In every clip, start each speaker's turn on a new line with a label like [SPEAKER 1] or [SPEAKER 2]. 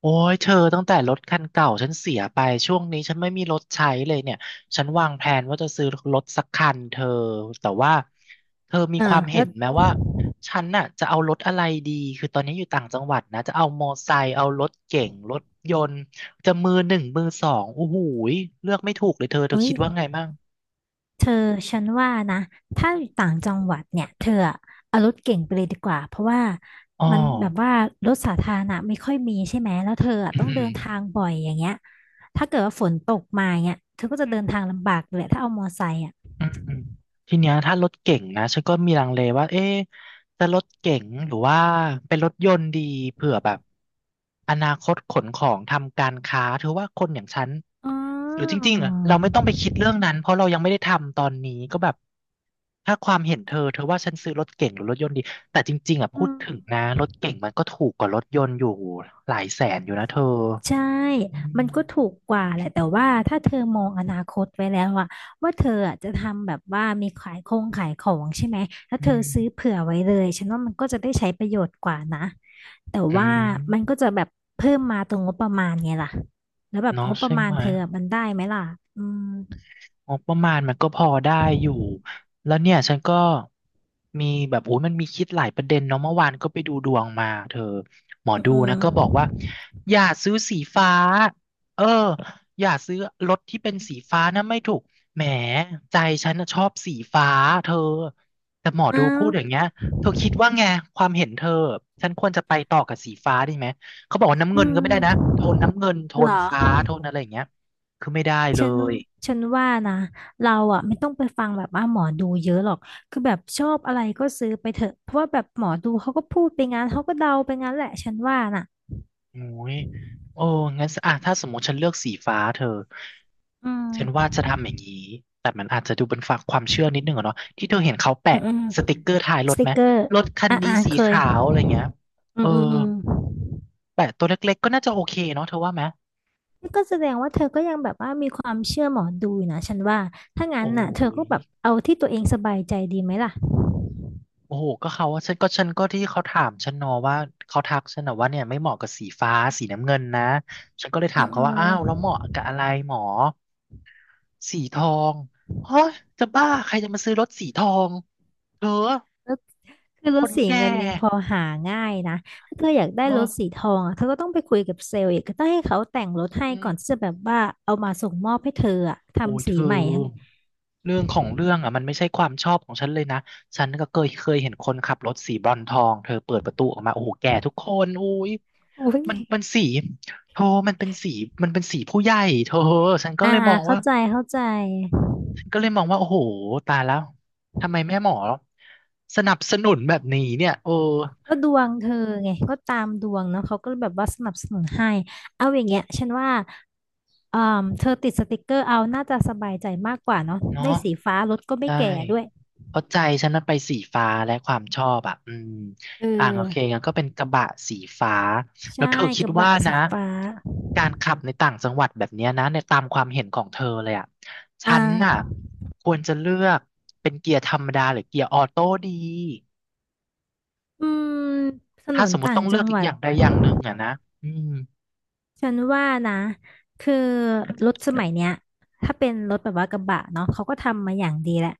[SPEAKER 1] โอ้ยเธอตั้งแต่รถคันเก่าฉันเสียไปช่วงนี้ฉันไม่มีรถใช้เลยเนี่ยฉันวางแผนว่าจะซื้อรถสักคันเธอแต่ว่าเธอมี
[SPEAKER 2] อ่า
[SPEAKER 1] ความเห็
[SPEAKER 2] แล้ว
[SPEAKER 1] นไหมว่าฉันน่ะจะเอารถอะไรดีคือตอนนี้อยู่ต่างจังหวัดนะจะเอามอไซค์เอารถเก๋งรถยนต์จะมือหนึ่งมือสองโอ้โหยเลือกไม่ถูกเลยเธอ
[SPEAKER 2] เอ้ย
[SPEAKER 1] คิดว่าไงบ้าง
[SPEAKER 2] เธอฉันว่านะถ้าอยู่ต่างจังหวัดเนี่ยเธออะเอารถเก่งไปเลยดีกว่าเพราะว่า
[SPEAKER 1] อ๋อ
[SPEAKER 2] มันแบบว่ารถสาธารณะไม่ค่อยมีใช่ไหมแล้วเธออะต้องเดินทางบ่อยอย่างเงี้ยถ้าเกิดว่าฝนตกมาเนี่ยเธอก็จะเดินทางลำบากเลยถ้าเอามอไซค์อ่ะ
[SPEAKER 1] อืมทีเนี้ยถ้ารถเก๋งนะฉันก็มีลังเลว่าเอ๊ะจะรถเก๋งหรือว่าเป็นรถยนต์ดีเผื่อแบบอนาคตขนของทำการค้าเธอว่าคนอย่างฉัน
[SPEAKER 2] อ๋
[SPEAKER 1] หรือจ
[SPEAKER 2] อ
[SPEAKER 1] ริงๆอะเราไม่ต้องไปคิดเรื่องนั้นเพราะเรายังไม่ได้ทำตอนนี้ก็แบบถ้าความเห็นเธอเธอว่าฉันซื้อรถเก๋งหรือรถยนต์ดีแต่จริงๆอ่ะพู
[SPEAKER 2] อื
[SPEAKER 1] ด
[SPEAKER 2] ม
[SPEAKER 1] ถึงนะรถเก๋งมันก็ถูกกว่ารถยนต์อยู่หลายแสนอยู่นะเธอ
[SPEAKER 2] ใช่
[SPEAKER 1] อื
[SPEAKER 2] มันก็ถู
[SPEAKER 1] ม
[SPEAKER 2] กกว่าแหละแต่ว่าถ้าเธอมองอนาคตไว้แล้วอะว่าเธออะจะทำแบบว่ามีขายคงขายของใช่ไหมถ้า
[SPEAKER 1] อื
[SPEAKER 2] เธอ
[SPEAKER 1] ม
[SPEAKER 2] ซื้อเผื่อไว้เลยฉันว่ามันก็จะได้ใช้ประโยชน์กว่านะแต่
[SPEAKER 1] อื
[SPEAKER 2] ว่ามันก็
[SPEAKER 1] ม
[SPEAKER 2] จะแบบเพิ่มมาตรงงบประมาณไงล่ะแล้วแบบ
[SPEAKER 1] เนาะ
[SPEAKER 2] งบประ
[SPEAKER 1] ใช่
[SPEAKER 2] มา
[SPEAKER 1] ไห
[SPEAKER 2] ณ
[SPEAKER 1] ม
[SPEAKER 2] เธออะมันได้ไหมล่ะอืม
[SPEAKER 1] งบประมาณมันก็พอได้อยู่แล้วเนี่ยฉันก็มีแบบโอ้ยมันมีคิดหลายประเด็นเนาะเมื่อวานก็ไปดูดวงมาเธอหมอดู
[SPEAKER 2] อื
[SPEAKER 1] นะ
[SPEAKER 2] ม
[SPEAKER 1] ก็บอกว่าอย่าซื้อสีฟ้าเอออย่าซื้อรถที่เป็นสีฟ้านะไม่ถูกแหมใจฉันน่ะชอบสีฟ้าเธอแต่หมอ
[SPEAKER 2] อม
[SPEAKER 1] ดู
[SPEAKER 2] อ้า
[SPEAKER 1] พู
[SPEAKER 2] ว
[SPEAKER 1] ดอย่างเงี้ยเธอคิดว่าไงความเห็นเธอฉันควรจะไปต่อกับสีฟ้าดีไหมเขาบอกว่าน้ำเงิน
[SPEAKER 2] อื
[SPEAKER 1] ก็ไม่ได้นะ
[SPEAKER 2] ม
[SPEAKER 1] โทนน้ำเงินโท
[SPEAKER 2] เหร
[SPEAKER 1] นฟ้า
[SPEAKER 2] อ
[SPEAKER 1] โทนอะไรอย่างเงี้ยคือไม่ได้เล
[SPEAKER 2] ฉัน
[SPEAKER 1] ย
[SPEAKER 2] ฉันว่านะเราอ่ะไม่ต้องไปฟังแบบว่าหมอดูเยอะหรอกคือแบบชอบอะไรก็ซื้อไปเถอะเพราะว่าแบบหมอดูเขาก็พูดไปงั้นเขาก็เดาไปงั้นแหละฉันว่าน่ะ
[SPEAKER 1] โอ้ยโอ้งั้นสอ่ะถ้าสมมติฉันเลือกสีฟ้าเธอ
[SPEAKER 2] อื
[SPEAKER 1] ฉันว่า
[SPEAKER 2] ม
[SPEAKER 1] จะทำอย่างนี้แต่มันอาจจะดูเป็นฝากความเชื่อนิดนึงอะเนาะที่เธอเห็นเขาแปะ
[SPEAKER 2] อืมอืม
[SPEAKER 1] สติกเกอร์ท้ายร
[SPEAKER 2] ส
[SPEAKER 1] ถ
[SPEAKER 2] ติ
[SPEAKER 1] ไหม
[SPEAKER 2] กเกอร์
[SPEAKER 1] รถคัน
[SPEAKER 2] อ่า
[SPEAKER 1] นี้
[SPEAKER 2] อ่า
[SPEAKER 1] สี
[SPEAKER 2] เคย
[SPEAKER 1] ขาวอะไรเงี้ย
[SPEAKER 2] อื
[SPEAKER 1] เอ
[SPEAKER 2] ม
[SPEAKER 1] อ
[SPEAKER 2] อืมอืม
[SPEAKER 1] แปะตัวเล็กๆก็น่าจะโอเคเนาะเธอว่าไหม
[SPEAKER 2] นี่ก็แสดงว่าเธอก็ยังแบบว่ามีความเชื่อหมอดูอยู่นะฉันว่าถ้างั้น
[SPEAKER 1] โอ้
[SPEAKER 2] น่ะเธอ
[SPEAKER 1] ย
[SPEAKER 2] ก็แบบเอาที่ตัวเองสบายใจดีไหมล่ะ
[SPEAKER 1] โอ้โหก็เขาว่าฉันก็ที่เขาถามฉันเนอะว่าเขาทักฉันนะว่าเนี่ยไม่เหมาะกับสีฟ้าสีน้ำเงินนะฉันก็เลย
[SPEAKER 2] อื
[SPEAKER 1] ถาม
[SPEAKER 2] ม
[SPEAKER 1] เขา
[SPEAKER 2] อื
[SPEAKER 1] ว่า
[SPEAKER 2] ม
[SPEAKER 1] อ้าวแล้วเหมาะกับอะไรหมอ สีทองเฮ้ยจะบ้าใครจะมาซื้อรถสีทองเธอ
[SPEAKER 2] คือร
[SPEAKER 1] ค
[SPEAKER 2] ถ
[SPEAKER 1] น
[SPEAKER 2] สี
[SPEAKER 1] แก่
[SPEAKER 2] เงินยังพอหาง่ายนะ ถ้าเธออยากได้
[SPEAKER 1] เออ
[SPEAKER 2] รถสีทองอะเธอก็ต้องไปคุยกับเซลล์อีกก็ต้องให้เขาแต่งรถให้
[SPEAKER 1] อืม
[SPEAKER 2] ก่อนที่จะแบบว่าเอามาส่งมอบให้เธออะ
[SPEAKER 1] โอ้ย
[SPEAKER 2] ทำ
[SPEAKER 1] เธ
[SPEAKER 2] สี
[SPEAKER 1] อ
[SPEAKER 2] ใหม่ทั้ง
[SPEAKER 1] เรื่องของเรื่องอ่ะมันไม่ใช่ความชอบของฉันเลยนะฉันก็เคยเห็นคนขับรถสีบรอนซ์ทองเธอเปิดประตูออกมาโอ้โหแก่ทุกคนอุ้ย
[SPEAKER 2] อุ้ย
[SPEAKER 1] มันมันสีโธมันเป็นสีมันเป็นสีผู้ใหญ่เธอฉันก็
[SPEAKER 2] อ่า
[SPEAKER 1] เลยมอง
[SPEAKER 2] เข้า
[SPEAKER 1] ว่า
[SPEAKER 2] ใจเข้าใจ
[SPEAKER 1] ฉันก็เลยมองว่าโอ้โหตายแล้วทำไมแม่หมอสนับสนุนแบบนี้เนี่ยเออ
[SPEAKER 2] ก็ดวงเธอไงก็ตามดวงเนาะเขาก็แบบว่าสนับสนุนให้เอาอย่างเงี้ยฉันว่าเธอติดสติกเกอร์เอาน่าจะสบายใจมากกว่าเนาะ
[SPEAKER 1] เนาะ
[SPEAKER 2] ได้สีฟ้ารถก็ไม่
[SPEAKER 1] ใช่
[SPEAKER 2] แก่ด้วย
[SPEAKER 1] เพราะใจฉันนั้นไปสีฟ้าและความชอบอ่ะอืม
[SPEAKER 2] เอ
[SPEAKER 1] อ่ะโอเค
[SPEAKER 2] อ
[SPEAKER 1] งั้นก็เป็นกระบะสีฟ้าแล้ว
[SPEAKER 2] ใช่
[SPEAKER 1] เธอคิ
[SPEAKER 2] ก
[SPEAKER 1] ด
[SPEAKER 2] ระ
[SPEAKER 1] ว่า
[SPEAKER 2] บะ
[SPEAKER 1] นะ
[SPEAKER 2] สีฟ้า
[SPEAKER 1] การขับในต่างจังหวัดแบบเนี้ยนะในตามความเห็นของเธอเลยอ่ะ
[SPEAKER 2] อ่
[SPEAKER 1] ฉันน่ะ
[SPEAKER 2] า
[SPEAKER 1] ควรจะเลือกเป็นเกียร์ธรรมดาหรือเกียร์ออโต้ดี
[SPEAKER 2] อืมถน
[SPEAKER 1] ถ้า
[SPEAKER 2] น
[SPEAKER 1] สมมติ
[SPEAKER 2] ต่า
[SPEAKER 1] ต้
[SPEAKER 2] ง
[SPEAKER 1] องเลื
[SPEAKER 2] จั
[SPEAKER 1] อก
[SPEAKER 2] งหวั
[SPEAKER 1] อ
[SPEAKER 2] ด
[SPEAKER 1] ย่างใดอย่างหนึ่งอ่ะนะอืม
[SPEAKER 2] ฉันว่านะ คือรถสมัยเนี้ยถ้าเป็นรถแบบว่ากระบะเนาะเขาก็ทำมาอย่างดีแหละ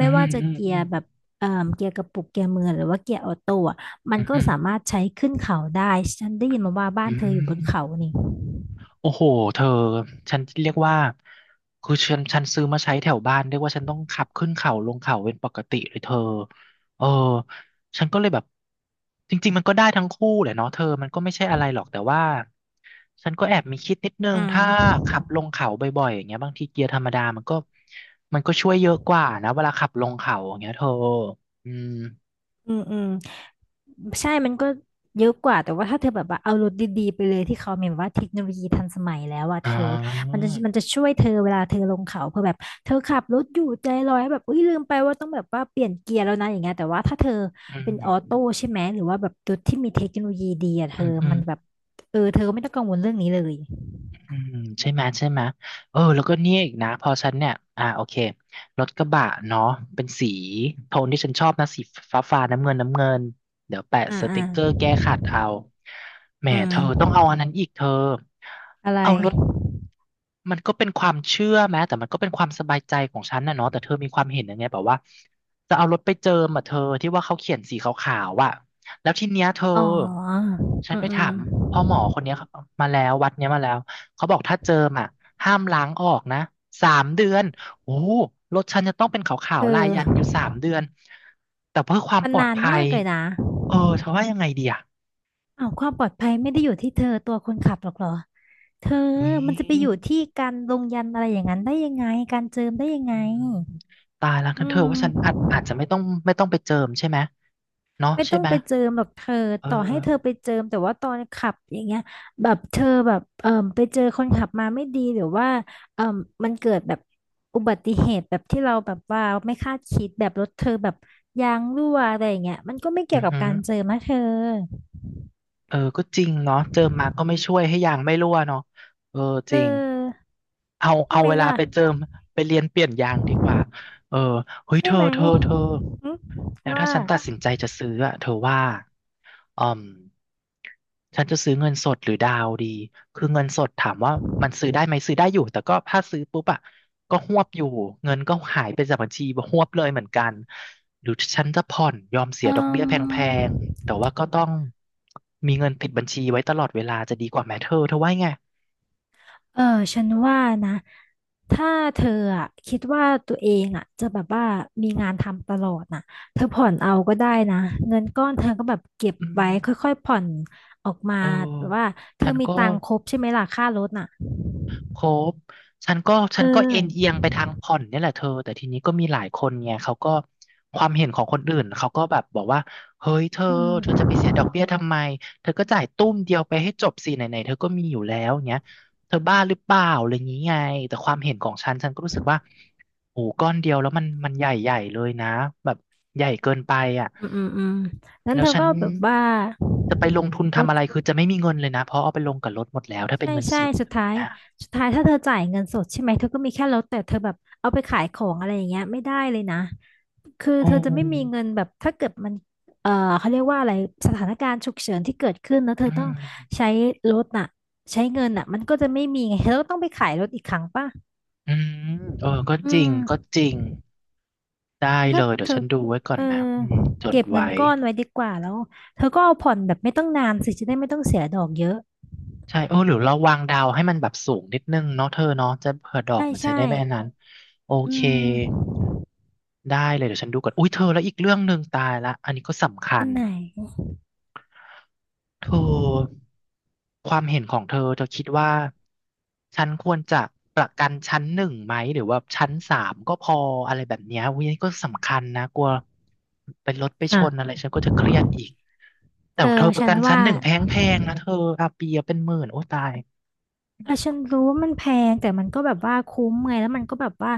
[SPEAKER 1] อื
[SPEAKER 2] ม่
[SPEAKER 1] ม
[SPEAKER 2] ว่าจะ
[SPEAKER 1] อืม
[SPEAKER 2] เกี
[SPEAKER 1] อื
[SPEAKER 2] ย
[SPEAKER 1] ม
[SPEAKER 2] ร์แบบเอ่อเกียร์กระปุกเกียร์มือหรือว่าเกียร์ออโต้อะมัน
[SPEAKER 1] อืม
[SPEAKER 2] ก็
[SPEAKER 1] อืม
[SPEAKER 2] สามารถใช้ขึ้นเขาได้ ฉันได้ยินมาว่าบ้า
[SPEAKER 1] อื
[SPEAKER 2] นเธออยู่บนเขา
[SPEAKER 1] ม
[SPEAKER 2] นี่
[SPEAKER 1] โอ้โห เธอ ฉันเรียกว่า คือฉันซื้อมาใช้แถวบ้านเรียกว่าฉันต้องขับขึ้นเขาลงเขาเป็นปกติเลยเธอเออฉันก็เลยแบบ จริงๆมันก็ได้ทั้งคู่แหละเนาะเธอมันก็ไม่ใช่อะไรหรอกแต่ว่าฉันก็แอบมีคิดนิดนึง
[SPEAKER 2] อื
[SPEAKER 1] ถ้าขับ
[SPEAKER 2] ม
[SPEAKER 1] ลงเขาบ่อยๆอย่างเงี้ยบางทีเกียร์ธรรมดามันก็ช่วยเยอะกว่านะเวลาขับลงเขาอย่างเงี้ยเธออืม
[SPEAKER 2] อืมอืม ใช่มันก็เยอะกว่า แต่ว่าถ้าเธอแบบว่าเอารถดีๆไปเลยที่เขามีแบบว่าเทคโนโลยีทันสมัยแล้วอะ
[SPEAKER 1] อ๋
[SPEAKER 2] เธอมัน
[SPEAKER 1] อ
[SPEAKER 2] จะมันจะช่วยเธอเวลาเธอลงเขาเพื่อแบบเธอขับรถอยู่ใจลอยแบบอุ้ยลืมไปว่าต้องแบบว่าเปลี่ยนเกียร์แล้วนะอย่างเงี้ยแต่ว่าถ้าเธอ
[SPEAKER 1] อื
[SPEAKER 2] เป็นออ
[SPEAKER 1] ม
[SPEAKER 2] โต้ใช่ไหมหรือว่าแบบรถที่มีเทคโนโลยีดีอะเธ
[SPEAKER 1] อื
[SPEAKER 2] อ
[SPEAKER 1] มอื
[SPEAKER 2] มั
[SPEAKER 1] ม
[SPEAKER 2] นแบบเออเธอไม่ต้องกังวลเรื่องนี้เลย
[SPEAKER 1] อืมใช่ไหมใช่ไหมเออแล้วก็เนี่ยอีกนะพอฉันเนี่ยอ่าโอเครถกระบะเนาะเป็นสีโทนที่ฉันชอบนะสีฟ้าฟ้าน้ำเงินน้ำเงินเดี๋ยวแปะ
[SPEAKER 2] อ่า
[SPEAKER 1] ส
[SPEAKER 2] อ่า
[SPEAKER 1] ติกเกอร์แก้ขัดเอาแหม
[SPEAKER 2] อื
[SPEAKER 1] เธอ
[SPEAKER 2] ม
[SPEAKER 1] ต้องเอาอันนั้นอีกเธอ
[SPEAKER 2] อะไร
[SPEAKER 1] เอารถมันก็เป็นความเชื่อแม้แต่มันก็เป็นความสบายใจของฉันนะเนาะแต่เธอมีความเห็นยังไงแบบว่าจะเอารถไปเจิมอ่ะเธอที่ว่าเขาเขียนสีขาวๆอ่ะแล้วทีเนี้ยเธอ
[SPEAKER 2] อ๋อ
[SPEAKER 1] ฉัน
[SPEAKER 2] อืม
[SPEAKER 1] ไป
[SPEAKER 2] อื
[SPEAKER 1] ถามพ่อหม
[SPEAKER 2] ม
[SPEAKER 1] อคนเนี้ยมาแล้ววัดเนี้ยมาแล้ว เขาบอกถ้าเจิมอ่ะห้ามล้างออกนะสามเดือนโอ้โหรถฉันจะต้องเป็นขา
[SPEAKER 2] เธ
[SPEAKER 1] วๆลายยันต์อยู่
[SPEAKER 2] อ
[SPEAKER 1] สามเดือนแต่เพื่อความ
[SPEAKER 2] มั
[SPEAKER 1] ป
[SPEAKER 2] น
[SPEAKER 1] ลอด
[SPEAKER 2] นาน
[SPEAKER 1] ภั
[SPEAKER 2] มา
[SPEAKER 1] ย
[SPEAKER 2] กเลยนะ
[SPEAKER 1] เออเธอว่ายังไงดีอ่ะ
[SPEAKER 2] เอาวความปลอดภัยไม่ได้อยู่ที่เธอตัวคนขับหรอกเหรอเธอ
[SPEAKER 1] อุ้ย
[SPEAKER 2] มันจะไปอยู่ที่การลงยันต์อะไรอย่างนั้นได้ยังไงการเจิมได้ยัง
[SPEAKER 1] อื
[SPEAKER 2] ไง
[SPEAKER 1] มตายแล้วกัน
[SPEAKER 2] อื
[SPEAKER 1] เธอว่าฉันอาจ
[SPEAKER 2] ม
[SPEAKER 1] อาจจะไม่ต้องไปเจิมใช่ไหมเนาะ
[SPEAKER 2] ไม่
[SPEAKER 1] ใช่
[SPEAKER 2] ต้อง
[SPEAKER 1] ไหม
[SPEAKER 2] ไปเจิมหรอกเธอ
[SPEAKER 1] เอ
[SPEAKER 2] ต่อให้
[SPEAKER 1] อ
[SPEAKER 2] เธอไปเจิมแต่ว่าตอนขับอย่างเงี้ยแบบเธอแบบไปเจอคนขับมาไม่ดีหรือว่าเอ่อมันเกิดแบบอุบัติเหตุแบบที่เราแบบว่าไม่คาดคิดแบบรถเธอแบบยางรั่วอะไรอย่างเงี้ยมันก็ไม่
[SPEAKER 1] อื
[SPEAKER 2] เกี่ยว
[SPEAKER 1] อ
[SPEAKER 2] กับ
[SPEAKER 1] หือ
[SPEAKER 2] การเจิมนะเธอ
[SPEAKER 1] เออก็จริงเนาะเจิมมาก็ไม่ช่วยให้ยางไม่รั่วเนาะเออจ
[SPEAKER 2] เอ
[SPEAKER 1] ริง
[SPEAKER 2] อ
[SPEAKER 1] เอา
[SPEAKER 2] ใช่
[SPEAKER 1] เอา
[SPEAKER 2] ไหม
[SPEAKER 1] เวลา
[SPEAKER 2] ล่ะ
[SPEAKER 1] ไปเจิมไปเรียนเปลี่ยนยางดีกว่าเออเฮ้ย
[SPEAKER 2] ใช่
[SPEAKER 1] เธอ
[SPEAKER 2] ไหม
[SPEAKER 1] เธอเธอ
[SPEAKER 2] หึ
[SPEAKER 1] แล้วถ้า
[SPEAKER 2] ว่า
[SPEAKER 1] ฉันตัดสินใจจะซื้ออะเธอว่าอืมฉันจะซื้อเงินสดหรือดาวดีคือเงินสดถามว่ามันซื้อได้ไหมซื้อได้อยู่แต่ก็ถ้าซื้อปุ๊บอ่ะก็ฮวบอยู่เงินก็หายไปจากบัญชีฮวบเลยเหมือนกันหรือฉันจะผ่อนยอมเสี
[SPEAKER 2] เอื
[SPEAKER 1] ยดอกเบี้ย
[SPEAKER 2] ม
[SPEAKER 1] แพงๆแต่ว่าก็ต้องมีเงินติดบัญชีไว้ตลอดเวลาจะดีกว่าไหมเธอว่าไง
[SPEAKER 2] เออฉันว่านะถ้าเธออะคิดว่าตัวเองอะจะแบบว่ามีงานทำตลอดน่ะเธอผ่อนเอาก็ได้นะเงินก้อนเธอก็แบบเก็บ
[SPEAKER 1] อื
[SPEAKER 2] ไว้
[SPEAKER 1] ม
[SPEAKER 2] ค่อยๆผ่อนออกมา
[SPEAKER 1] เออ
[SPEAKER 2] แบบว่าเธ
[SPEAKER 1] ฉั
[SPEAKER 2] อ
[SPEAKER 1] น
[SPEAKER 2] มี
[SPEAKER 1] ก็
[SPEAKER 2] ตังค์ครบใช่ไหมล่ะค่ารถน่ะ
[SPEAKER 1] ครบ ฉันก็
[SPEAKER 2] เอ
[SPEAKER 1] ฉันก็เอ็นเอีย
[SPEAKER 2] อ
[SPEAKER 1] งไปทางผ่อนเนี่ยแหละเธอ แต่ทีนี้ก็มีหลายคนไงเขาก็ความเห็นของคนอื่นเขาก็แบบบอกว่าเฮ้ยเธอ
[SPEAKER 2] อืม
[SPEAKER 1] เธอจะไปเสียดอกเบี้ยทำไมเธอก็จ่ายตุ้มเดียวไปให้จบสิไหนๆเธอก็มีอยู่แล้วเงี้ยเธอบ้าหรือเปล่าอะไรอย่างนี้ไงแต่ความเห็นของฉันฉันก็รู้สึกว่าโอ้ก้อนเดียวแล้วมันใหญ่ใหญ่เลยนะแบบใหญ่เกินไปอ่ะ
[SPEAKER 2] อืมอืมอืมนั้น
[SPEAKER 1] แล้
[SPEAKER 2] เธ
[SPEAKER 1] ว
[SPEAKER 2] อ
[SPEAKER 1] ฉัน
[SPEAKER 2] ก็แบบว่า
[SPEAKER 1] จะไปลงทุนทำอะไรคือจะไม่มีเงินเลยนะเพราะเอาไปลงกับรถหมดแล้วถ้าเป็น
[SPEAKER 2] ใช่
[SPEAKER 1] เงินส
[SPEAKER 2] ใช่
[SPEAKER 1] ด
[SPEAKER 2] สุดท้าย
[SPEAKER 1] นะ
[SPEAKER 2] สุดท้ายถ้าเธอจ่ายเงินสดใช่ไหมเธอก็มีแค่ลดแต่เธอแบบเอาไปขายของอะไรอย่างเงี้ยไม่ได้เลยนะคือเธ
[SPEAKER 1] โอ้
[SPEAKER 2] อจะไม่มีเงินแบบถ้าเกิดมันเอ่อเขาเรียกว่าอะไรสถานการณ์ฉุกเฉินที่เกิดขึ้นแล้วเธ
[SPEAKER 1] อื
[SPEAKER 2] อต้อง
[SPEAKER 1] ม
[SPEAKER 2] ใช้รถน่ะใช้เงินน่ะมันก็จะไม่มีไงเธอก็ต้องไปขายรถอีกครั้งป่ะ
[SPEAKER 1] อืมเออก็
[SPEAKER 2] อื
[SPEAKER 1] จริง
[SPEAKER 2] ม
[SPEAKER 1] ก็จริง ได้
[SPEAKER 2] งั้น
[SPEAKER 1] เล
[SPEAKER 2] ถ้า
[SPEAKER 1] ยเดี๋ย
[SPEAKER 2] เธ
[SPEAKER 1] ว
[SPEAKER 2] อ
[SPEAKER 1] ฉันดูไว้ก่อ
[SPEAKER 2] เอ
[SPEAKER 1] น
[SPEAKER 2] อ
[SPEAKER 1] นะอืมจด
[SPEAKER 2] เก็บเงิ
[SPEAKER 1] ไว้
[SPEAKER 2] นก้อนไว้ดีกว่าแล้วเธอก็เอาผ่อนแบบไม่ต้องนานสิจะได้ไม่ต้องเสียดอกเยอะ
[SPEAKER 1] ใช่โอ้หรือเราวางดาวให้มันแบบสูงนิดนึงเนาะเธอเนาะจะเผื่อดอก
[SPEAKER 2] ใช่
[SPEAKER 1] มันจะ
[SPEAKER 2] ใช่
[SPEAKER 1] ได้ไม่อันนั้นโอ
[SPEAKER 2] อื
[SPEAKER 1] เค
[SPEAKER 2] ม
[SPEAKER 1] ได้เลยเดี๋ยวฉันดูก่อนอุ้ยเธอแล้วอีกเรื่องหนึ่งตายละอันนี้ก็สำคั
[SPEAKER 2] อั
[SPEAKER 1] ญ
[SPEAKER 2] นไหน
[SPEAKER 1] เธอความเห็นของเธอเธอคิดว่าฉันควรจะประกันชั้นหนึ่งไหมหรือว่าชั้นสามก็พออะไรแบบเนี้ยอุ้ยนี่ก็สำคัญนะกลัวเป็นรถไปชน
[SPEAKER 2] อ่ะ
[SPEAKER 1] อะไรฉันก็จะเครียดอีกแต่
[SPEAKER 2] เอ
[SPEAKER 1] เธ
[SPEAKER 2] อ
[SPEAKER 1] อประ
[SPEAKER 2] ฉั
[SPEAKER 1] กั
[SPEAKER 2] น
[SPEAKER 1] นชั้น
[SPEAKER 2] ว่า
[SPEAKER 1] หนึ่งแพงๆนะเธออาเปียเป็นหมื่นโอ้ตาย
[SPEAKER 2] อ่ะฉันรู้ว่ามันแพงแต่มันก็แบบว่าคุ้มไงแล้วมันก็แบบว่า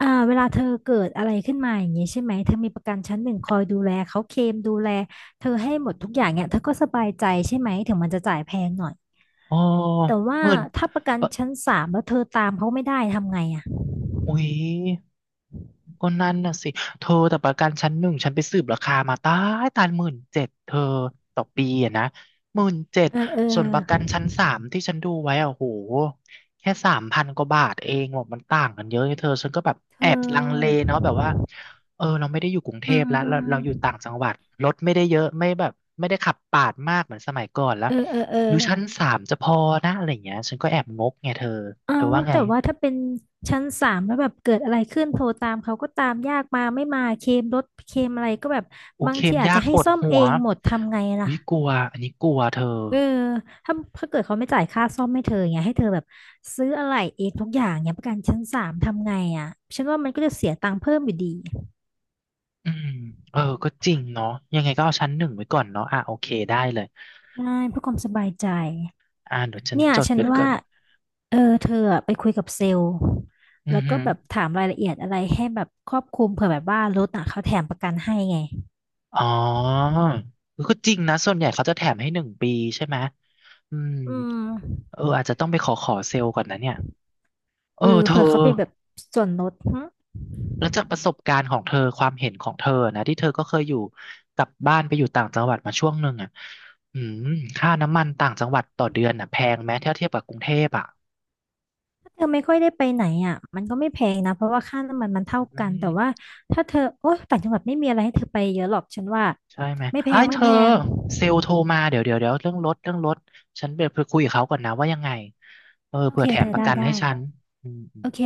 [SPEAKER 2] อ่าเวลาเธอเกิดอะไรขึ้นมาอย่างนี้ใช่ไหมเธอมีประกันชั้นหนึ่งคอยดูแลเขาเคลมดูแลเธอให้หมดทุกอย่างเนี่ยเธอก็สบายใจใช่ไหมถึงมันจะจ่ายแพงหน่อย
[SPEAKER 1] อ๋อ
[SPEAKER 2] แต่ว่า
[SPEAKER 1] หมื่น
[SPEAKER 2] ถ้าประกันชั้นสามแล้วเธอตามเขาไม่ได้ทำไงอ่ะ
[SPEAKER 1] อุ๊ยก็นั่นน่ะสิเธอแต่ประกันชั้นหนึ่งฉันไปสืบราคามาตายตายหมื่นเจ็ดเธอต่อปีอะนะหมื่นเจ็ด
[SPEAKER 2] เออเอ
[SPEAKER 1] ส่วนประกัน
[SPEAKER 2] อ
[SPEAKER 1] ชั้นสามที่ฉันดูไว้อะโหแค่3,000กว่าบาทเองบอกมันต่างกันเยอะเธอฉันก็แบบ
[SPEAKER 2] เธ
[SPEAKER 1] แอบลังเล
[SPEAKER 2] อ
[SPEAKER 1] เนาะแบบว่าเออเราไม่ได้อยู่กรุงเท
[SPEAKER 2] อืม
[SPEAKER 1] พ
[SPEAKER 2] อื
[SPEAKER 1] แล้
[SPEAKER 2] ม
[SPEAKER 1] ว
[SPEAKER 2] อื
[SPEAKER 1] เราอยู่
[SPEAKER 2] ม
[SPEAKER 1] ต่างจังหวัดรถไม่ได้เยอะไม่แบบไม่ได้ขับปาดมากเหมือนสมัยก่อนแล้ว
[SPEAKER 2] เออเออเออ
[SPEAKER 1] หรือชั้นสามจะพอนะอะไรอย่างเงี้ยฉันก็แอบงกไงเธอ
[SPEAKER 2] เอา
[SPEAKER 1] เธอว่าไง
[SPEAKER 2] แต่ว่าถ้าเป็นชั้นสามแล้วแบบเกิดอะไรขึ้นโทรตามเขาก็ตามยากมาไม่มาเคลมรถเคลมอะไรก็แบบ
[SPEAKER 1] โอ้
[SPEAKER 2] บาง
[SPEAKER 1] เค็
[SPEAKER 2] ที
[SPEAKER 1] ม
[SPEAKER 2] อาจ
[SPEAKER 1] ยา
[SPEAKER 2] จะ
[SPEAKER 1] กป
[SPEAKER 2] ให้
[SPEAKER 1] วด
[SPEAKER 2] ซ่อม
[SPEAKER 1] หั
[SPEAKER 2] เอ
[SPEAKER 1] ว
[SPEAKER 2] งหมดทำไงล่ะ
[SPEAKER 1] อุ้ยกลัวอันนี้กลัวเธอ
[SPEAKER 2] เออถ้าถ้าเกิดเขาไม่จ่ายค่าซ่อมให้เธออย่างเงี้ยให้เธอแบบซื้ออะไรเองทุกอย่างเนี้ยประกันชั้นสามทำไงอ่ะฉันว่ามันก็จะเสียตังค์เพิ่มอยู่ดี
[SPEAKER 1] อืมเออก็จริงเนาะยังไงก็เอาชั้นหนึ่งไว้ก่อนเนาะอ่ะโอเคได้เลย
[SPEAKER 2] ใช่เพื่อความสบายใจ
[SPEAKER 1] อ่าเดี๋ยวฉัน
[SPEAKER 2] เนี่ย
[SPEAKER 1] จด
[SPEAKER 2] ฉัน
[SPEAKER 1] ไว้ก่อ
[SPEAKER 2] ว่า
[SPEAKER 1] น
[SPEAKER 2] เออเธออะไปคุยกับเซลล์
[SPEAKER 1] อือ
[SPEAKER 2] แล้ว
[SPEAKER 1] หื
[SPEAKER 2] ก็
[SPEAKER 1] อ
[SPEAKER 2] แบบถามรายละเอียดอะไรให้แบบครอบคลุมเผื่อแบบว่ารถอ่ะเขาแถมประกันให้ไง
[SPEAKER 1] อ๋อเออก็จริงนะส่วนใหญ่เขาจะแถมให้1 ปีใช่ไหมอืม
[SPEAKER 2] อืม
[SPEAKER 1] เอออาจจะต้องไปขอเซลล์ก่อนนะเนี่ยเอ
[SPEAKER 2] เอ
[SPEAKER 1] อ
[SPEAKER 2] อ
[SPEAKER 1] เธอ
[SPEAKER 2] เผื่อเขาเป็นแบบส่วนลดหึ
[SPEAKER 1] แล้วจากประสบการณ์ของเธอความเห็นของเธอนะที่เธอก็เคยอยู่กลับบ้านไปอยู่ต่างจังหวัดมาช่วงหนึ่งอ่ะอืมค่าน้ำมันต่างจังหวัดต่อเดือนอ่ะแพงไหมถ้าเทียบกับกรุงเทพอ่ะ
[SPEAKER 2] ถ้าเธอไม่ค่อยได้ไปไหนอ่ะมันก็ไม่แพงนะเพราะว่าค่าน้ำมันมันเท่า
[SPEAKER 1] อื
[SPEAKER 2] กั
[SPEAKER 1] ม
[SPEAKER 2] นแต่ว่าถ้าเธอโอ๊ยต่างจังหวัดไม่มีอะไรให้เธอไปเยอะหรอกฉันว่า
[SPEAKER 1] ใช่ไหม
[SPEAKER 2] ไม่แพ
[SPEAKER 1] ไอ้
[SPEAKER 2] ง
[SPEAKER 1] ยเธ
[SPEAKER 2] ไม่
[SPEAKER 1] อ
[SPEAKER 2] แพง
[SPEAKER 1] เซลล์โทรมาเดี๋ยวเดี๋ยวเดี๋ยวเรื่องรถเรื่องรถฉันไปคุยกับเขาก่อนนะว่ายังไงเออ
[SPEAKER 2] โอ
[SPEAKER 1] เผื่
[SPEAKER 2] เค
[SPEAKER 1] อแถ
[SPEAKER 2] เธ
[SPEAKER 1] ม
[SPEAKER 2] อ
[SPEAKER 1] ประ
[SPEAKER 2] ได้
[SPEAKER 1] กันให้
[SPEAKER 2] ได้
[SPEAKER 1] ฉันอืม
[SPEAKER 2] โอเค